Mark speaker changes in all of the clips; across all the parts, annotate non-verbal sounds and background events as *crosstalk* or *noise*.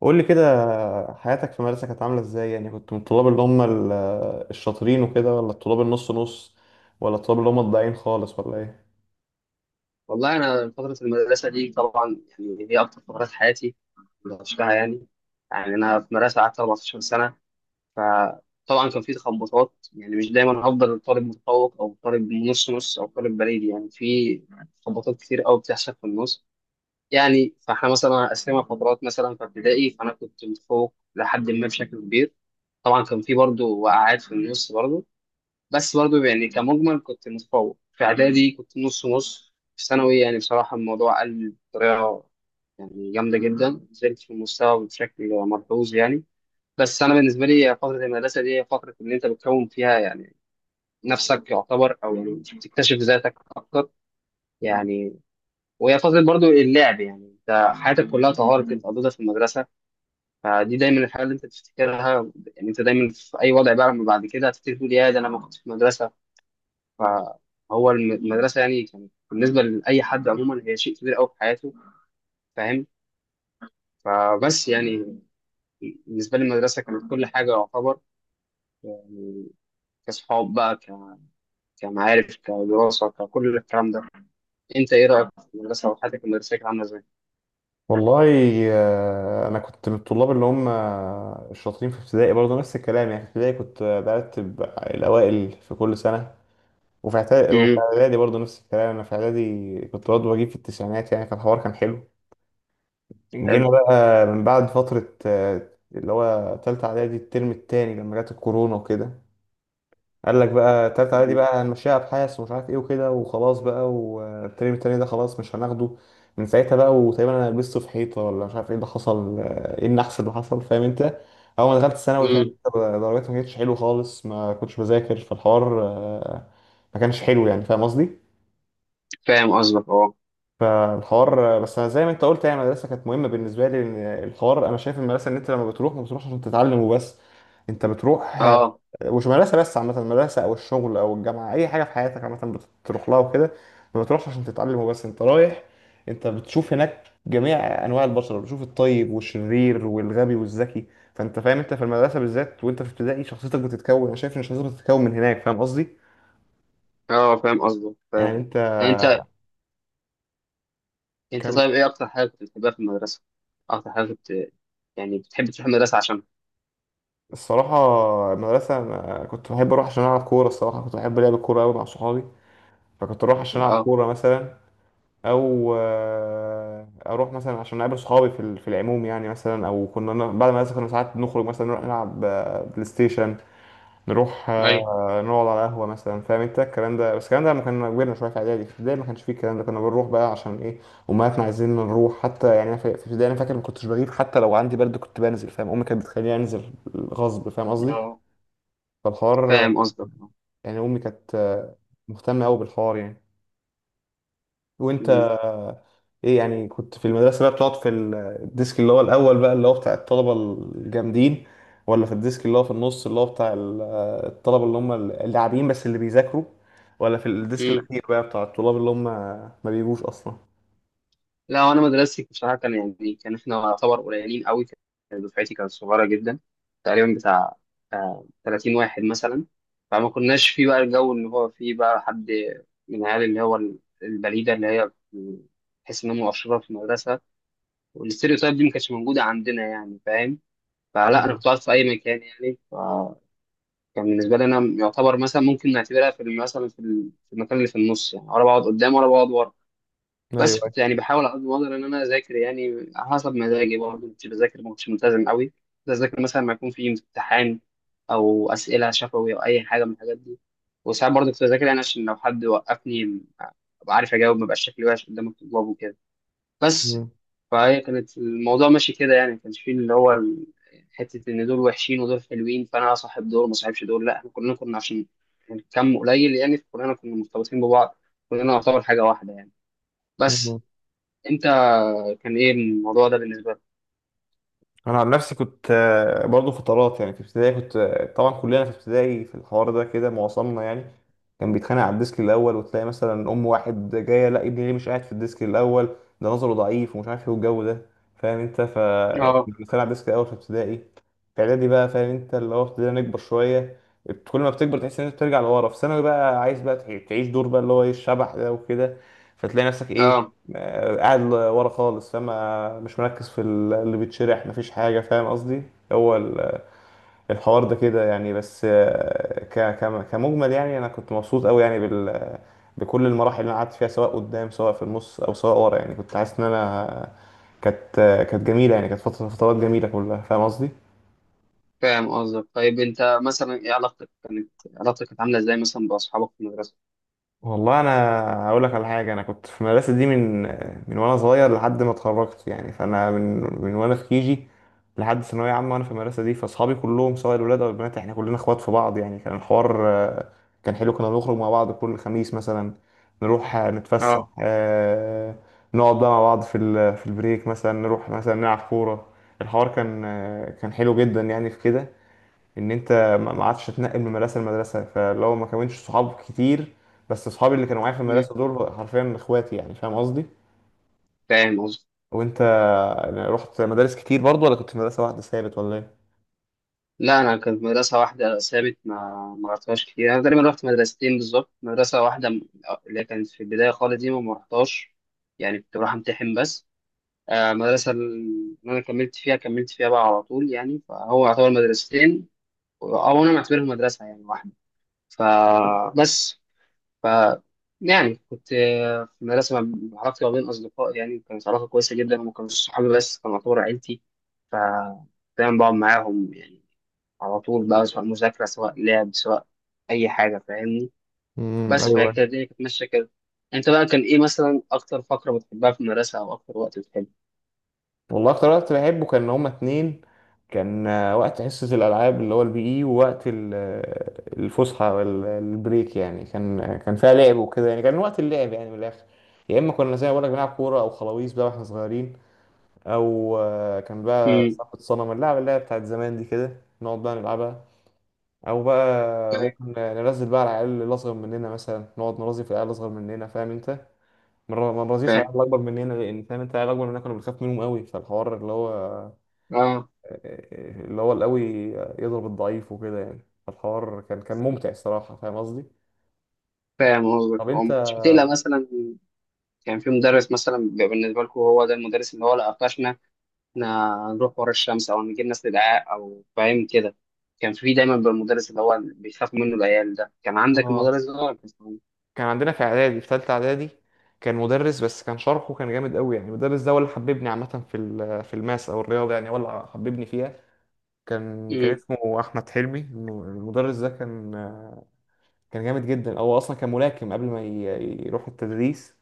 Speaker 1: قول لي كده، حياتك في المدرسة كانت عاملة ازاي؟ يعني كنت من الطلاب اللي هم الشاطرين وكده، ولا الطلاب النص نص، ولا الطلاب اللي هم الضايعين خالص، ولا ايه؟
Speaker 2: والله أنا فترة المدرسة دي طبعا يعني هي أكتر فترات حياتي اللي عشتها يعني. أنا في مدرسة قعدت 14 سنة. فطبعا كان في تخبطات، يعني مش دايما هفضل طالب متفوق أو طالب نص نص أو طالب بريد، يعني في تخبطات كتير أوي بتحصل في النص يعني. فإحنا مثلا قسمنا فترات، مثلا في ابتدائي فأنا كنت متفوق لحد ما بشكل كبير. طبعا كان في برضه وقعات في النص برضه، بس برضه يعني كمجمل كنت متفوق. في اعدادي كنت نص نص. في ثانوي يعني بصراحه الموضوع قل بطريقه يعني جامده جدا، نزلت في المستوى بشكل ملحوظ يعني. بس انا بالنسبه لي فتره المدرسه دي هي فتره اللي انت بتكون فيها يعني نفسك، يعتبر او يعني بتكتشف ذاتك اكتر يعني. وهي فتره برضو اللعب، يعني انت حياتك كلها طوارئ كنت قضيتها في المدرسه. فدي دايما الحاجه اللي انت بتفتكرها، يعني انت دايما في اي وضع بقى لما بعد كده هتفتكر تقول يا ده انا ما كنت في المدرسه. فهو المدرسة يعني كانت بالنسبة لأي حد عموما هي شيء كبير أوي في حياته، فاهم؟ فبس يعني بالنسبة لي المدرسة كانت كل حاجة يعتبر، يعني كصحاب بقى، كمعارف، كدراسة، ككل الكلام ده. أنت إيه رأيك في المدرسة وحياتك المدرسية كانت عاملة إزاي؟
Speaker 1: والله، انا كنت من الطلاب اللي هم الشاطرين في ابتدائي برضه، نفس الكلام. يعني في ابتدائي كنت برتب الاوائل في كل سنة، وفي
Speaker 2: امم.
Speaker 1: اعدادي برضه نفس الكلام. انا في اعدادي كنت برضه بجيب في التسعينات، يعني فالحوار كان حلو.
Speaker 2: حلو.
Speaker 1: جينا بقى من بعد فترة، اللي هو تالتة اعدادي الترم التاني، لما جت الكورونا وكده. قال لك بقى تالتة إعدادي بقى هنمشيها أبحاث ومش عارف إيه وكده، وخلاص بقى، والترم التاني ده خلاص مش هناخده. من ساعتها بقى، وتقريبا أنا لبسته في حيطة، ولا مش عارف إيه اللي حصل، إيه النحس اللي حصل، فاهم أنت؟ أول ما دخلت ثانوي، فاهم
Speaker 2: امم.
Speaker 1: أنت، درجاتي ما كانتش حلوة خالص، ما كنتش بذاكر، فالحوار ما كانش حلو، يعني فاهم قصدي؟
Speaker 2: فاهم قصدك. أه،
Speaker 1: فالحوار، بس انا زي ما انت قلت، يعني المدرسه كانت مهمه بالنسبه لي، لأن الحوار انا شايف المدرسه ان انت لما بتروح ما بتروحش عشان تتعلم وبس. انت بتروح
Speaker 2: أه،
Speaker 1: مش مدرسة بس، عامة المدرسة أو الشغل أو الجامعة، أي حاجة في حياتك عامة بتروح لها وكده، ما بتروحش عشان تتعلم وبس. أنت رايح، أنت بتشوف هناك جميع أنواع البشر، بتشوف الطيب والشرير والغبي والذكي. فأنت فاهم، أنت في المدرسة بالذات، وأنت في ابتدائي شخصيتك بتتكون، أنا شايف إن شخصيتك بتتكون من هناك، فاهم قصدي؟
Speaker 2: أه، فاهم قصدك،
Speaker 1: يعني
Speaker 2: فاهم.
Speaker 1: أنت
Speaker 2: يعني أنت أنت
Speaker 1: كان.
Speaker 2: طيب، إيه أكتر حاجة كنت بتحبها في المدرسة؟ أكتر حاجة كنت يعني بتحب تروح المدرسة عشانها؟
Speaker 1: الصراحة، المدرسة أنا كنت بحب أروح عشان ألعب كورة. الصراحة كنت بحب لعب الكورة أوي مع صحابي، فكنت أروح عشان ألعب
Speaker 2: أه.
Speaker 1: كورة مثلا، او اروح مثلا عشان اقابل صحابي في العموم يعني، مثلا، او بعد ما كنا ساعات نخرج مثلا، نروح نلعب بلاي ستيشن، نروح نقعد على قهوه مثلا، فاهم انت الكلام ده. بس الكلام ده لما كنا كبرنا شويه في اعدادي، في ابتدائي ما كانش فيه الكلام ده، كنا بنروح بقى عشان ايه؟ امهاتنا عايزيننا نروح حتى. يعني أنا في ابتدائي، انا فاكر ما كنتش بغيب حتى لو عندي برد، كنت بنزل، فاهم؟ امي كانت بتخليني انزل غصب، فاهم قصدي؟
Speaker 2: أيوه،
Speaker 1: فالحوار،
Speaker 2: فاهم قصدك، اه.
Speaker 1: يعني امي كانت مهتمه قوي بالحوار يعني. وانت
Speaker 2: مم.
Speaker 1: ايه؟ يعني كنت في المدرسة بقى بتقعد في الديسك اللي هو الأول بقى، اللي هو بتاع الطلبة الجامدين؟ ولا في الديسك اللي هو في النص، اللي هو بتاع الطلبة اللي هم اللاعبين بس اللي بيذاكروا؟ ولا في الديسك
Speaker 2: مم.
Speaker 1: الأخير بقى، بتاع الطلاب اللي هم ما بيجوش أصلا؟
Speaker 2: لا، وانا مدرستي بصراحه كان يعني كان احنا يعتبر قليلين قوي، كان دفعتي كانت صغيره جدا، تقريبا بتاع 30 واحد مثلا. فما كناش فيه بقى الجو اللي هو فيه بقى حد من العيال اللي هو البليده اللي هي تحس انها مؤشره في المدرسه، والاستيريوتايب دي ما كانتش موجوده عندنا يعني، فاهم؟ فلا انا
Speaker 1: مم.
Speaker 2: كنت قاعد في اي مكان يعني، فكان بالنسبه لي انا يعتبر مثلا ممكن نعتبرها في ال- مثلا في ال- في المكان اللي في النص، يعني ولا بقعد قدام ولا بقعد ورا. بس
Speaker 1: أيوه.
Speaker 2: كنت يعني بحاول على قد ما اقدر ان انا اذاكر، يعني على حسب مزاجي برضه كنت بذاكر، ما كنتش ملتزم قوي. كنت اذاكر مثلا لما يكون في امتحان او اسئله شفوي او اي حاجه من الحاجات دي. وساعات برضه كنت بذاكر يعني عشان لو حد وقفني ابقى عارف اجاوب، ما بقاش شكلي وحش قدام الطلاب وكده بس.
Speaker 1: أيوه.
Speaker 2: فهي كانت الموضوع ماشي كده، يعني ما كانش فيه اللي هو حته ان دول وحشين ودول حلوين فانا اصاحب دول ما اصاحبش دول. لا، احنا كلنا كنا عشان كم قليل يعني، فكلنا كنا مرتبطين ببعض، كلنا نعتبر حاجه واحده يعني. بس
Speaker 1: مم.
Speaker 2: انت كان ايه الموضوع ده بالنسبه لك؟
Speaker 1: انا عن نفسي كنت، برضو فترات. يعني في ابتدائي كنت، طبعا كلنا في ابتدائي في الحوار ده كده، معظمنا يعني كان بيتخانق على الديسك الاول. وتلاقي مثلا ام واحد جايه: لا، ابني ليه مش قاعد في الديسك الاول؟ ده نظره ضعيف، ومش عارف ايه والجو ده، فاهم انت؟ ف
Speaker 2: اه،
Speaker 1: كنا بنتخانق على الديسك الاول في ابتدائي. في اعدادي بقى، فاهم انت، اللي هو ابتدينا نكبر شويه. كل ما بتكبر تحس ان انت بترجع لورا. في ثانوي بقى عايز بقى تعيش دور بقى، اللي هو ايه الشبح ده وكده. فتلاقي نفسك ايه؟
Speaker 2: اه،
Speaker 1: قاعد ورا خالص، فما مش مركز في اللي بيتشرح، مفيش حاجة، فاهم قصدي؟ هو الحوار ده كده يعني. بس كمجمل يعني، أنا كنت مبسوط أوي يعني بكل المراحل اللي أنا قعدت فيها، سواء قدام، سواء في النص، أو سواء ورا. يعني كنت حاسس إن أنا كانت كانت جميلة، يعني كانت فترات جميلة كلها، فاهم قصدي؟
Speaker 2: فاهم قصدك. طيب انت مثلا ايه علاقتك كانت، عامله ازاي مثلا باصحابك في المدرسه؟
Speaker 1: والله، انا هقول لك على حاجه. انا كنت في المدرسه دي من وانا صغير لحد ما اتخرجت. يعني فانا من وانا في كيجي لحد ثانويه عامه وانا في المدرسه دي. فاصحابي كلهم، سواء الولاد او البنات، احنا كلنا اخوات في بعض. يعني كان الحوار كان حلو. كنا بنخرج مع بعض كل خميس مثلا، نروح نتفسح،
Speaker 2: اه.
Speaker 1: نقعد بقى مع بعض في البريك مثلا، نروح مثلا نلعب كوره. الحوار كان، كان حلو جدا يعني. في كده ان انت ما عادش تتنقل من مدرسه لمدرسه، فلو ما كونتش صحاب كتير. بس صحابي اللي كانوا معايا في
Speaker 2: مم.
Speaker 1: المدرسه دول حرفيا اخواتي، يعني فاهم قصدي؟
Speaker 2: فاهم قصدك.
Speaker 1: وانت يعني رحت مدارس كتير برضو، ولا كنت في مدرسه واحده ثابت، ولا ايه؟
Speaker 2: لا انا كانت مدرسه واحده ثابت، ما رحتهاش كتير. انا تقريبا رحت مدرستين بالظبط. مدرسه واحده اللي كانت في البدايه خالص دي ما رحتهاش، يعني كنت بروح امتحن بس. المدرسه اللي انا كملت فيها بقى على طول يعني، فهو يعتبر مدرستين او انا معتبرهم مدرسه يعني واحده فبس. ف يعني كنت في المدرسة علاقتي ما بين أصدقاء يعني كانت علاقة كويسة جدا، وما كانوش صحابي بس كانوا يعتبر عيلتي. ف دايما بقعد معاهم يعني على طول بقى، سواء مذاكرة سواء لعب سواء أي حاجة، فاهمني؟
Speaker 1: امم.
Speaker 2: بس فهي كانت
Speaker 1: ايوه.
Speaker 2: الدنيا كانت ماشية كده. أنت بقى كان إيه مثلا أكتر فقرة بتحبها في المدرسة أو أكتر وقت بتحبه؟
Speaker 1: والله، اكتر وقت بحبه كان هما اتنين. كان وقت حصة الألعاب اللي هو البي إي، ووقت الفسحة والبريك. يعني كان، كان فيها لعب وكده. يعني كان وقت اللعب يعني، من الآخر. يا إما كنا زي ما بقولك بنلعب كورة أو خلاويص بقى واحنا صغيرين، او كان بقى
Speaker 2: امم.
Speaker 1: صاحبة صنم، اللعبة اللي هي بتاعت زمان دي كده، نقعد بقى نلعبها. او بقى
Speaker 2: فاهم،
Speaker 1: ممكن ننزل بقى على العيال اللي اصغر مننا، مثلا نقعد نرازي في العيال الاصغر مننا، فاهم انت؟ ما نرازيش على
Speaker 2: فاهم.
Speaker 1: العيال الاكبر مننا، لان فاهم انت العيال الاكبر مننا كنا بنخاف منهم قوي. فالحوار اللي هو،
Speaker 2: أه،
Speaker 1: القوي يضرب الضعيف وكده يعني. فالحوار كان ممتع الصراحة، فاهم قصدي؟
Speaker 2: فاهم قصدك.
Speaker 1: طب
Speaker 2: أه
Speaker 1: انت؟
Speaker 2: ما كنتش بتقلق مثلا، كان في مدرس مثلا بيبقى بالنسبة لكم هو ده المدرس اللي هو لا قفشنا إحنا نروح ورا الشمس أو نجيب ناس للدعاء أو فاهم كده، كان في دايما بالمدرس اللي هو بيخاف منه العيال ده، كان عندك
Speaker 1: اه،
Speaker 2: المدرس ده ولا
Speaker 1: كان عندنا في اعدادي، في ثالثه اعدادي كان مدرس، بس كان شرحه كان جامد قوي. يعني المدرس ده هو اللي حببني عامه في الماس او الرياضه، يعني هو اللي حببني فيها. كان،
Speaker 2: امم.
Speaker 1: اسمه احمد حلمي. المدرس ده كان، جامد جدا. هو اصلا كان ملاكم قبل ما يروح التدريس.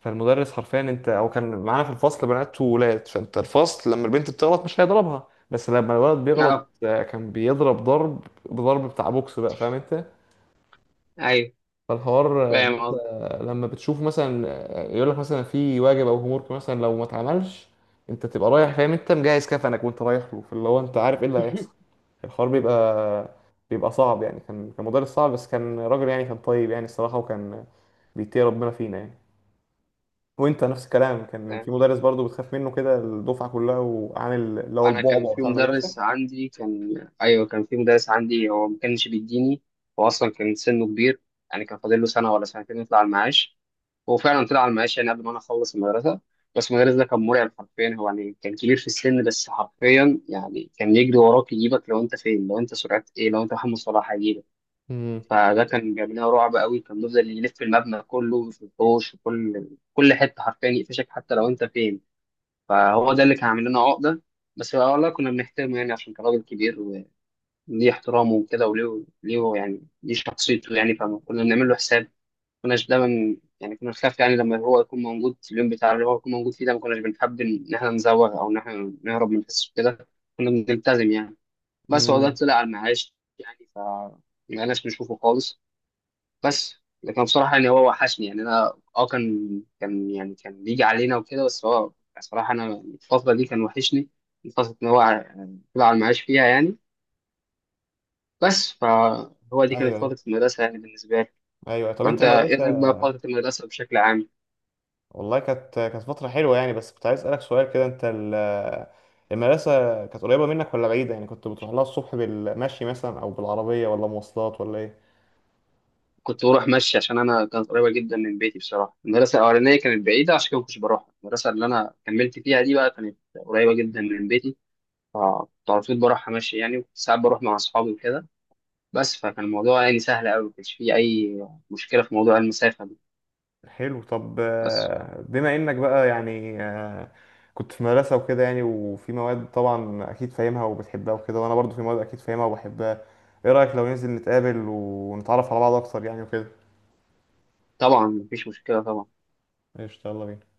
Speaker 1: فالمدرس حرفيا انت، او كان معانا في الفصل بنات وولاد. فانت الفصل لما البنت بتغلط مش هيضربها، بس لما الولد بيغلط،
Speaker 2: اه،
Speaker 1: كان بيضرب ضرب، بضرب بتاع بوكس بقى، فاهم انت؟
Speaker 2: ايوه،
Speaker 1: فالحوار
Speaker 2: فاهم
Speaker 1: لسه،
Speaker 2: قصدي.
Speaker 1: لما بتشوف مثلا يقول لك مثلا في واجب او هومورك مثلا لو ما اتعملش، انت تبقى رايح، فاهم انت، مجهز كفنك وانت رايح له. فاللي هو انت عارف ايه اللي هيحصل.
Speaker 2: *laughs*
Speaker 1: الحوار بيبقى صعب. يعني كان مدرس صعب، بس كان راجل، يعني كان طيب يعني الصراحة، وكان بيتقي ربنا فينا يعني. وانت نفس الكلام، كان في
Speaker 2: فاهم.
Speaker 1: مدرس برضو بتخاف منه كده الدفعة كلها، وعامل اللي هو
Speaker 2: انا كان
Speaker 1: البعبع
Speaker 2: في
Speaker 1: بتاع المدرسة؟
Speaker 2: مدرس عندي كان ايوه، كان في مدرس عندي هو ما كانش بيديني، هو اصلا كان سنه كبير يعني كان فاضل له سنه ولا سنتين يطلع المعاش. هو فعلا طلع على المعاش يعني قبل ما انا اخلص المدرسه. بس المدرس ده كان مرعب حرفيا، هو يعني كان كبير في السن بس حرفيا يعني كان يجري وراك يجيبك لو انت فين، لو انت سرعه ايه، لو انت محمد صلاح هيجيبك.
Speaker 1: امم.
Speaker 2: فده كان جاب لنا رعب قوي، كان بيفضل يلف المبنى كله، في الحوش، في كل حته حرفيا يقفشك حتى لو انت فين. فهو ده اللي كان عامل لنا عقده. بس والله كنا بنحترمه يعني عشان كان راجل كبير، وليه احترامه وكده، وليه ليه يعني ليه شخصيته يعني، فكنا بنعمل له حساب. كناش دايما يعني كنا بنخاف يعني لما هو يكون موجود في اليوم بتاع اللي هو يكون موجود فيه ده، ما كناش بنحب ان احنا نزوغ او ان احنا نهرب من الحصص كده، كنا بنلتزم يعني. بس هو ده
Speaker 1: امم.
Speaker 2: طلع على المعاش يعني، ف ما بقناش بنشوفه خالص بس. لكن بصراحة يعني هو وحشني يعني، انا كان بيجي علينا وكده، بس هو بصراحة انا الفترة دي كان وحشني، الفترة ان هو طلع على المعاش فيها يعني. بس فهو دي
Speaker 1: ايوه.
Speaker 2: كانت
Speaker 1: ايوه.
Speaker 2: فترة المدرسة يعني بالنسبة لي.
Speaker 1: ايوه، طب انت
Speaker 2: فانت ايه
Speaker 1: المدرسة.
Speaker 2: رأيك بقى في فترة المدرسة بشكل عام؟
Speaker 1: والله، كانت فترة حلوة يعني. بس كنت عايز أسألك سؤال كده. أنت المدرسة كانت قريبة منك ولا بعيدة؟ يعني كنت بتروح لها الصبح بالمشي مثلا، أو بالعربية، ولا مواصلات، ولا إيه؟
Speaker 2: كنت بروح مشي عشان انا كانت قريبه جدا من بيتي بصراحه. المدرسه الاولانيه كانت بعيده عشان كده ما كنتش بروح، المدرسه اللي انا كملت فيها دي بقى كانت قريبه جدا من بيتي. فكنت على طول بروحها مشي يعني، وكنت ساعات بروح مع اصحابي وكده بس. فكان الموضوع يعني سهل قوي، ما كانش فيه اي مشكله في موضوع المسافه دي
Speaker 1: حلو، طب
Speaker 2: بس.
Speaker 1: بما إنك بقى يعني، كنت في مدرسة وكده يعني، وفي مواد طبعا أكيد فاهمها وبتحبها وكده، وأنا برضو في مواد أكيد فاهمها وبحبها. إيه رأيك لو ننزل نتقابل ونتعرف على بعض أكتر، يعني وكده؟
Speaker 2: طبعا مفيش مشكله طبعا.
Speaker 1: قشطة، يلا بينا.